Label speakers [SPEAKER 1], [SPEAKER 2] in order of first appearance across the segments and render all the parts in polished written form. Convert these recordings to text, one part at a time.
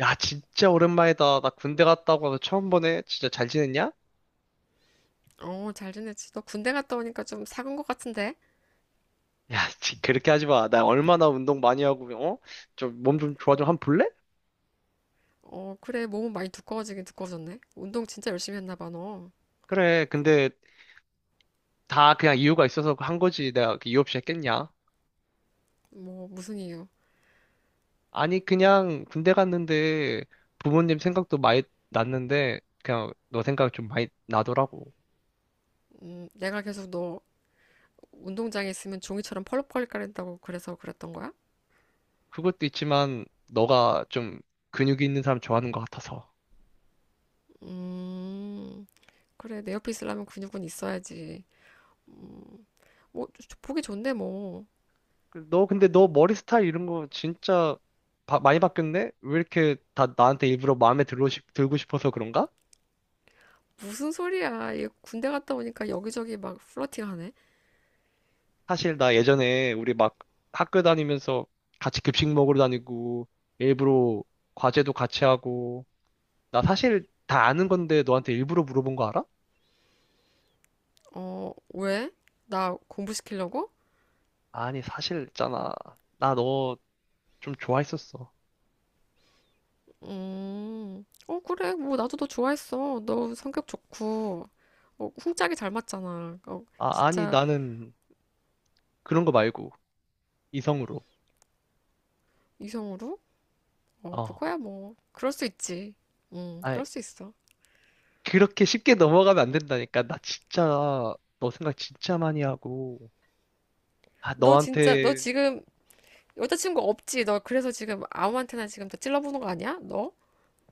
[SPEAKER 1] 야, 진짜 오랜만이다. 나 군대 갔다 오고 와서 처음 보네. 진짜 잘 지냈냐?
[SPEAKER 2] 어, 잘 지냈지. 너 군대 갔다 오니까 좀 사간 것 같은데?
[SPEAKER 1] 야, 그렇게 하지 마. 나 얼마나 운동 많이 하고, 어? 좀 몸 좀 좋아 좀 한번 볼래?
[SPEAKER 2] 어, 그래. 몸은 많이 두꺼워지긴 두꺼워졌네. 운동 진짜 열심히 했나 봐, 너.
[SPEAKER 1] 그래, 근데 다 그냥 이유가 있어서 한 거지. 내가 그 이유 없이 했겠냐?
[SPEAKER 2] 뭐, 무슨 이유?
[SPEAKER 1] 아니, 그냥 군대 갔는데 부모님 생각도 많이 났는데 그냥 너 생각 좀 많이 나더라고.
[SPEAKER 2] 내가 계속 너 운동장에 있으면 종이처럼 펄럭펄럭 거린다고 그래서 그랬던 거야?
[SPEAKER 1] 그것도 있지만 너가 좀 근육이 있는 사람 좋아하는 것 같아서.
[SPEAKER 2] 음, 그래. 내 옆에 있으려면 근육은 있어야지. 음, 뭐, 보기 좋은데, 뭐.
[SPEAKER 1] 그 너, 근데 너 머리 스타일 이런 거 진짜 많이 바뀌었네? 왜 이렇게 다 나한테 일부러 마음에 들고 싶어서 그런가?
[SPEAKER 2] 무슨 소리야. 얘 군대 갔다 오니까 여기저기 막 플러팅하네.
[SPEAKER 1] 사실 나 예전에 우리 막 학교 다니면서 같이 급식 먹으러 다니고, 일부러 과제도 같이 하고, 나 사실 다 아는 건데 너한테 일부러 물어본 거 알아?
[SPEAKER 2] 어, 왜? 나 공부시키려고?
[SPEAKER 1] 아니, 사실 있잖아. 나 너 좀 좋아했었어.
[SPEAKER 2] 어, 그래. 뭐, 나도 너 좋아했어. 너 성격 좋고, 어, 훈짝이 잘 맞잖아. 어,
[SPEAKER 1] 아, 아니,
[SPEAKER 2] 진짜
[SPEAKER 1] 나는 그런 거 말고, 이성으로.
[SPEAKER 2] 이성으로? 어,
[SPEAKER 1] 어.
[SPEAKER 2] 그거야, 뭐. 그럴 수 있지. 그럴 수 있어.
[SPEAKER 1] 그렇게 쉽게 넘어가면 안 된다니까. 나 진짜, 너 생각 진짜 많이 하고. 아,
[SPEAKER 2] 너 진짜, 너
[SPEAKER 1] 너한테,
[SPEAKER 2] 지금 여자친구 없지? 너 그래서 지금 아무한테나 지금 다 찔러보는 거 아니야? 너?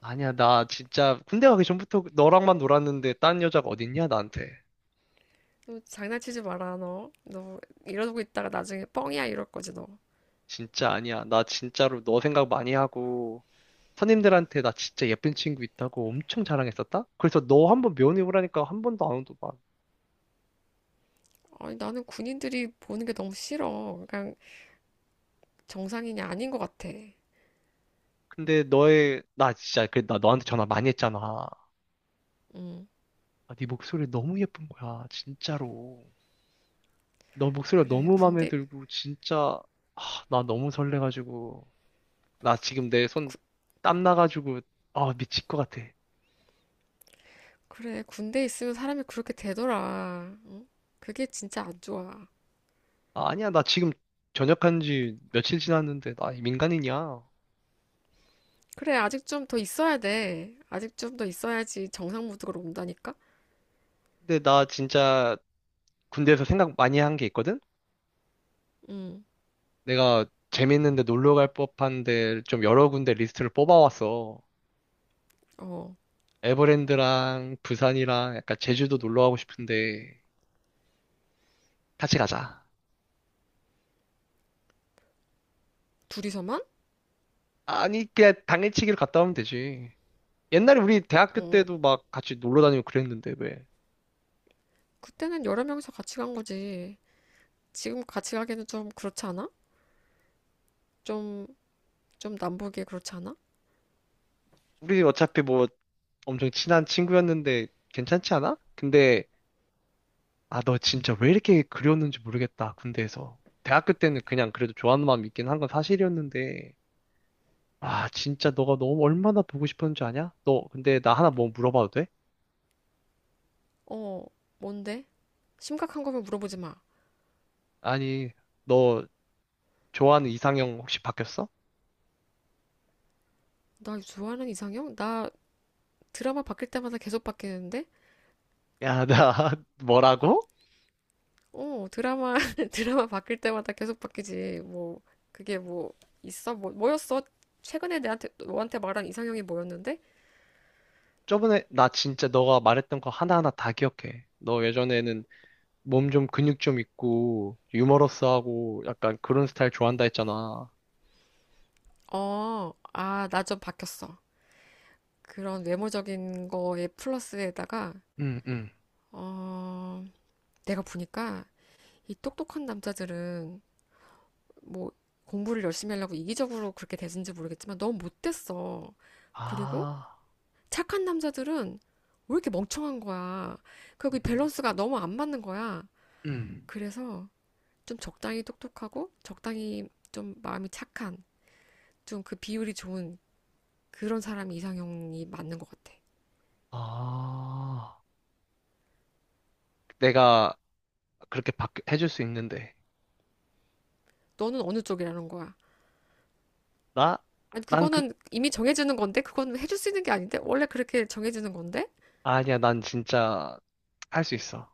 [SPEAKER 1] 아니야, 나 진짜, 군대 가기 전부터 너랑만 놀았는데, 딴 여자가 어딨냐, 나한테.
[SPEAKER 2] 너 장난치지 마라, 너. 너 이러고 있다가 나중에 뻥이야, 이럴 거지, 너.
[SPEAKER 1] 진짜 아니야. 나 진짜로 너 생각 많이 하고, 선임들한테 나 진짜 예쁜 친구 있다고 엄청 자랑했었다? 그래서 너 한번 면회 오라니까 한 번도 안 오더만.
[SPEAKER 2] 아니, 나는 군인들이 보는 게 너무 싫어. 그냥 정상인이 아닌 것 같아.
[SPEAKER 1] 근데 너의, 나 진짜, 그나 너한테 전화 많이 했잖아.
[SPEAKER 2] 음,
[SPEAKER 1] 아, 네 목소리 너무 예쁜 거야, 진짜로. 너 목소리가
[SPEAKER 2] 그래.
[SPEAKER 1] 너무 마음에
[SPEAKER 2] 군대,
[SPEAKER 1] 들고 진짜 아, 나 너무 설레가지고 나 지금 내 손 땀 나가지고 아 미칠 것 같아.
[SPEAKER 2] 그래, 군대에 있으면 사람이 그렇게 되더라. 응? 그게 진짜 안 좋아.
[SPEAKER 1] 아, 아니야 나 지금 전역한 지 며칠 지났는데 나 민간인이야.
[SPEAKER 2] 그래, 아직 좀 더 있어야 돼. 아직 좀 더 있어야지 정상 무드로 온다니까?
[SPEAKER 1] 근데 나 진짜 군대에서 생각 많이 한 게 있거든?
[SPEAKER 2] 응,
[SPEAKER 1] 내가 재밌는데 놀러 갈 법한 데 좀 여러 군데 리스트를 뽑아왔어.
[SPEAKER 2] 어,
[SPEAKER 1] 에버랜드랑 부산이랑 약간 제주도 놀러 가고 싶은데 같이 가자.
[SPEAKER 2] 둘이서만?
[SPEAKER 1] 아니 그냥 당일치기로 갔다 오면 되지. 옛날에 우리 대학교
[SPEAKER 2] 어,
[SPEAKER 1] 때도 막 같이 놀러 다니고 그랬는데 왜?
[SPEAKER 2] 그때는 여러 명이서 같이 간 거지. 지금 같이 가기는 좀 그렇지 않아? 좀, 좀 남보기에 그렇지 않아?
[SPEAKER 1] 우리 어차피 뭐 엄청 친한 친구였는데 괜찮지 않아? 근데 아, 너 진짜 왜 이렇게 그리웠는지 모르겠다. 군대에서. 대학교 때는 그냥 그래도 좋아하는 마음이 있긴 한 건 사실이었는데 아, 진짜 너가 너무 얼마나 보고 싶었는지 아냐? 너 근데 나 하나 뭐 물어봐도 돼?
[SPEAKER 2] 어, 뭔데? 심각한 거면 물어보지 마.
[SPEAKER 1] 아니, 너 좋아하는 이상형 혹시 바뀌었어?
[SPEAKER 2] 나 좋아하는 이상형? 나 드라마 바뀔 때마다 계속 바뀌는데?
[SPEAKER 1] 야, 나 뭐라고?
[SPEAKER 2] 어, 드라마, 드라마 바뀔 때마다 계속 바뀌지. 뭐, 그게 뭐, 있어? 뭐, 뭐였어? 최근에 내한테, 너한테 말한 이상형이 뭐였는데?
[SPEAKER 1] 저번에 나 진짜 너가 말했던 거 하나하나 다 기억해. 너 예전에는 몸 좀 근육 좀 있고 유머러스하고 약간 그런 스타일 좋아한다 했잖아.
[SPEAKER 2] 어, 아, 나 좀 바뀌었어. 그런 외모적인 거에 플러스에다가,
[SPEAKER 1] 응, 응.
[SPEAKER 2] 어, 내가 보니까 이 똑똑한 남자들은 뭐, 공부를 열심히 하려고 이기적으로 그렇게 됐는지 모르겠지만 너무 못됐어. 그리고
[SPEAKER 1] 아,
[SPEAKER 2] 착한 남자들은 왜 이렇게 멍청한 거야. 그리고 이
[SPEAKER 1] 음,
[SPEAKER 2] 밸런스가 너무 안 맞는 거야.
[SPEAKER 1] 음.
[SPEAKER 2] 그래서 좀 적당히 똑똑하고 적당히 좀 마음이 착한 좀 그 비율이 좋은 그런 사람이 이상형이 맞는 것 같아.
[SPEAKER 1] 아, 내가 그렇게 해줄 수 있는데.
[SPEAKER 2] 너는 어느 쪽이라는 거야?
[SPEAKER 1] 나?
[SPEAKER 2] 아니,
[SPEAKER 1] 난
[SPEAKER 2] 그거는 이미 정해지는 건데 그건 해줄 수 있는 게 아닌데 원래 그렇게 정해지는 건데.
[SPEAKER 1] 아니야, 난 진짜 할 수 있어.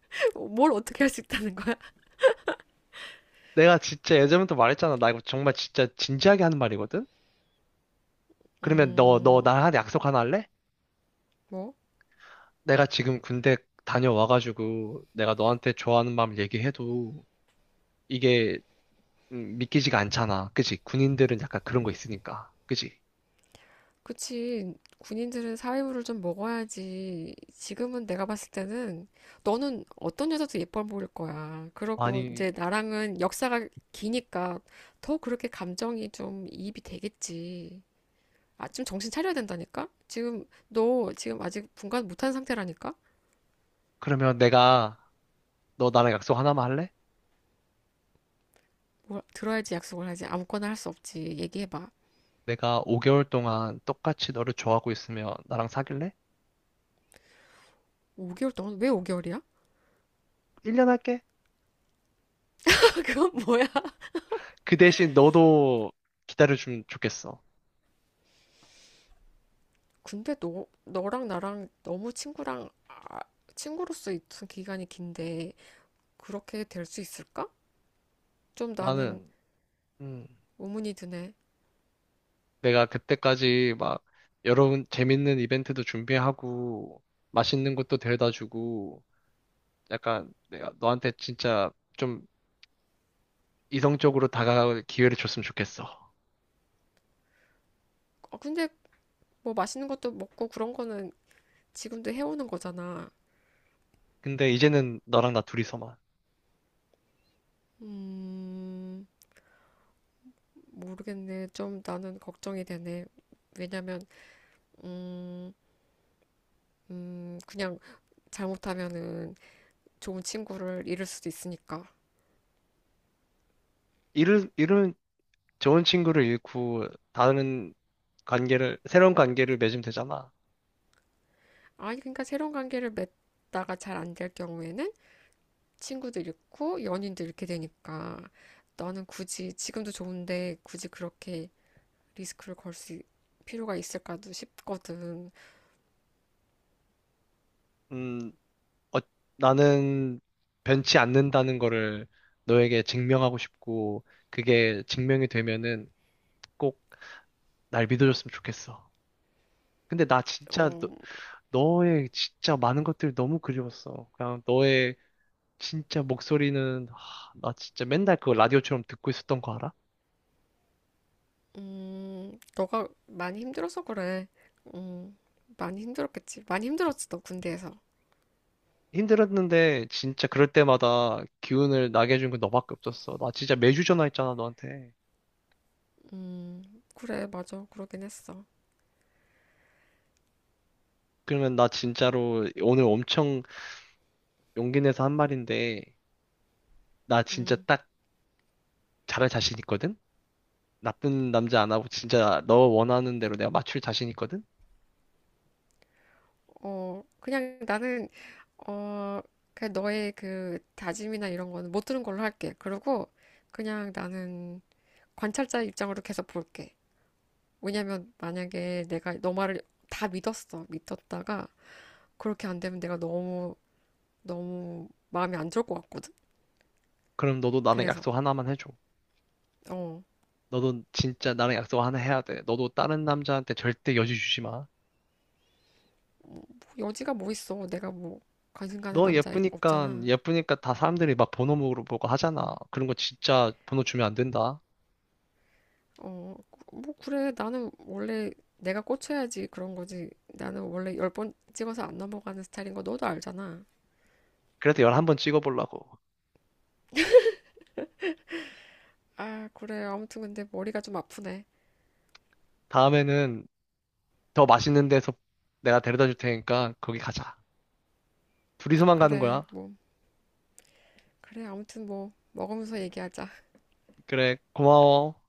[SPEAKER 2] 뭘 어떻게 할 수 있다는 거야?
[SPEAKER 1] 내가 진짜 예전부터 말했잖아. 나 이거 정말 진짜 진지하게 하는 말이거든? 그러면 너, 너
[SPEAKER 2] 음,
[SPEAKER 1] 나한테 약속 하나 할래?
[SPEAKER 2] 뭐?
[SPEAKER 1] 내가 지금 군대 다녀와가지고 내가 너한테 좋아하는 마음 얘기해도 이게 믿기지가 않잖아. 그치? 군인들은 약간 그런 거 있으니까. 그치?
[SPEAKER 2] 그치. 군인들은 사회물을 좀 먹어야지. 지금은 내가 봤을 때는 너는 어떤 여자도 예뻐 보일 거야. 그러고
[SPEAKER 1] 아니,
[SPEAKER 2] 이제 나랑은 역사가 기니까 더 그렇게 감정이 좀 이입이 되겠지. 아, 좀 정신 차려야 된다니까? 지금 너 지금 아직 분간 못한 상태라니까?
[SPEAKER 1] 그러면 내가, 너 나랑 약속 하나만 할래?
[SPEAKER 2] 뭘 들어야지 약속을 하지. 아무거나 할 수 없지. 얘기해봐.
[SPEAKER 1] 내가 5개월 동안 똑같이 너를 좋아하고 있으면 나랑 사귈래?
[SPEAKER 2] 5개월 동안 왜 5개월이야?
[SPEAKER 1] 1년 할게.
[SPEAKER 2] 그건 뭐야?
[SPEAKER 1] 그 대신 너도 기다려주면 좋겠어.
[SPEAKER 2] 근데 너, 너랑 나랑 너무 친구랑, 아, 친구로서 있던 기간이 긴데 그렇게 될 수 있을까? 좀 나는
[SPEAKER 1] 나는, 음,
[SPEAKER 2] 의문이 드네.
[SPEAKER 1] 내가 그때까지 막, 여러 재밌는 이벤트도 준비하고, 맛있는 것도 데려다 주고, 약간 내가 너한테 진짜 좀 이성적으로 다가갈 기회를 줬으면 좋겠어.
[SPEAKER 2] 아, 근데 뭐 맛있는 것도 먹고 그런 거는 지금도 해오는 거잖아.
[SPEAKER 1] 근데 이제는 너랑 나 둘이서만.
[SPEAKER 2] 음, 모르겠네. 좀 나는 걱정이 되네. 왜냐면, 음, 그냥 잘못하면은 좋은 친구를 잃을 수도 있으니까.
[SPEAKER 1] 이런 좋은 친구를 잃고 다른 관계를, 새로운 관계를 맺으면 되잖아.
[SPEAKER 2] 아니, 그러니까 새로운 관계를 맺다가 잘 안 될 경우에는 친구도 잃고 연인도 잃게 되니까. 나는 굳이 지금도 좋은데 굳이 그렇게 리스크를 걸 수 필요가 있을까도 싶거든.
[SPEAKER 1] 음, 어, 나는 변치 않는다는 거를 너에게 증명하고 싶고, 그게 증명이 되면은 꼭 날 믿어줬으면 좋겠어. 근데 나 진짜 너,
[SPEAKER 2] 어,
[SPEAKER 1] 너의 진짜 많은 것들이 너무 그리웠어. 그냥 너의 진짜 목소리는, 하, 나 진짜 맨날 그거 라디오처럼 듣고 있었던 거 알아?
[SPEAKER 2] 너가 많이 힘들어서 그래. 음, 많이 힘들었겠지. 많이 힘들었지, 너 군대에서.
[SPEAKER 1] 힘들었는데 진짜 그럴 때마다 기운을 나게 해준 건 너밖에 없었어. 나 진짜 매주 전화했잖아, 너한테.
[SPEAKER 2] 그래, 맞아. 그러긴 했어.
[SPEAKER 1] 그러면 나 진짜로 오늘 엄청 용기 내서 한 말인데, 나 진짜
[SPEAKER 2] 음,
[SPEAKER 1] 딱 잘할 자신 있거든? 나쁜 남자 안 하고 진짜 너 원하는 대로 내가 맞출 자신 있거든?
[SPEAKER 2] 어, 그냥 나는, 어, 그냥 너의 그 다짐이나 이런 거는 못 들은 걸로 할게. 그리고 그냥 나는 관찰자의 입장으로 계속 볼게. 왜냐면 만약에 내가 너 말을 다 믿었어. 믿었다가 그렇게 안 되면 내가 너무 너무 마이 안 좋을 것 같거든.
[SPEAKER 1] 그럼 너도 나랑
[SPEAKER 2] 그래서
[SPEAKER 1] 약속 하나만 해줘.
[SPEAKER 2] 어,
[SPEAKER 1] 너도 진짜 나랑 약속 하나 해야 돼. 너도 다른 남자한테 절대 여지 주지 마.
[SPEAKER 2] 뭐 여지가 뭐 있어. 내가 뭐 관심 가는
[SPEAKER 1] 너
[SPEAKER 2] 남자
[SPEAKER 1] 예쁘니까,
[SPEAKER 2] 없잖아.
[SPEAKER 1] 예쁘니까 다 사람들이 막 번호 물어보고 하잖아. 그런 거 진짜 번호 주면 안 된다.
[SPEAKER 2] 어, 뭐 그래. 나는 원래 내가 꽂혀야지 그런 거지. 나는 원래 열 번 찍어서 안 넘어가는 스타일인 거 너도 알잖아.
[SPEAKER 1] 그래서 11번 찍어보려고.
[SPEAKER 2] 아, 그래. 아무튼 근데 머리가 좀 아프네.
[SPEAKER 1] 다음에는 더 맛있는 데서 내가 데려다 줄 테니까 거기 가자. 둘이서만 가는
[SPEAKER 2] 그래.
[SPEAKER 1] 거야.
[SPEAKER 2] 뭐 그래. 아무튼 뭐 먹으면서 얘기하자.
[SPEAKER 1] 그래, 고마워.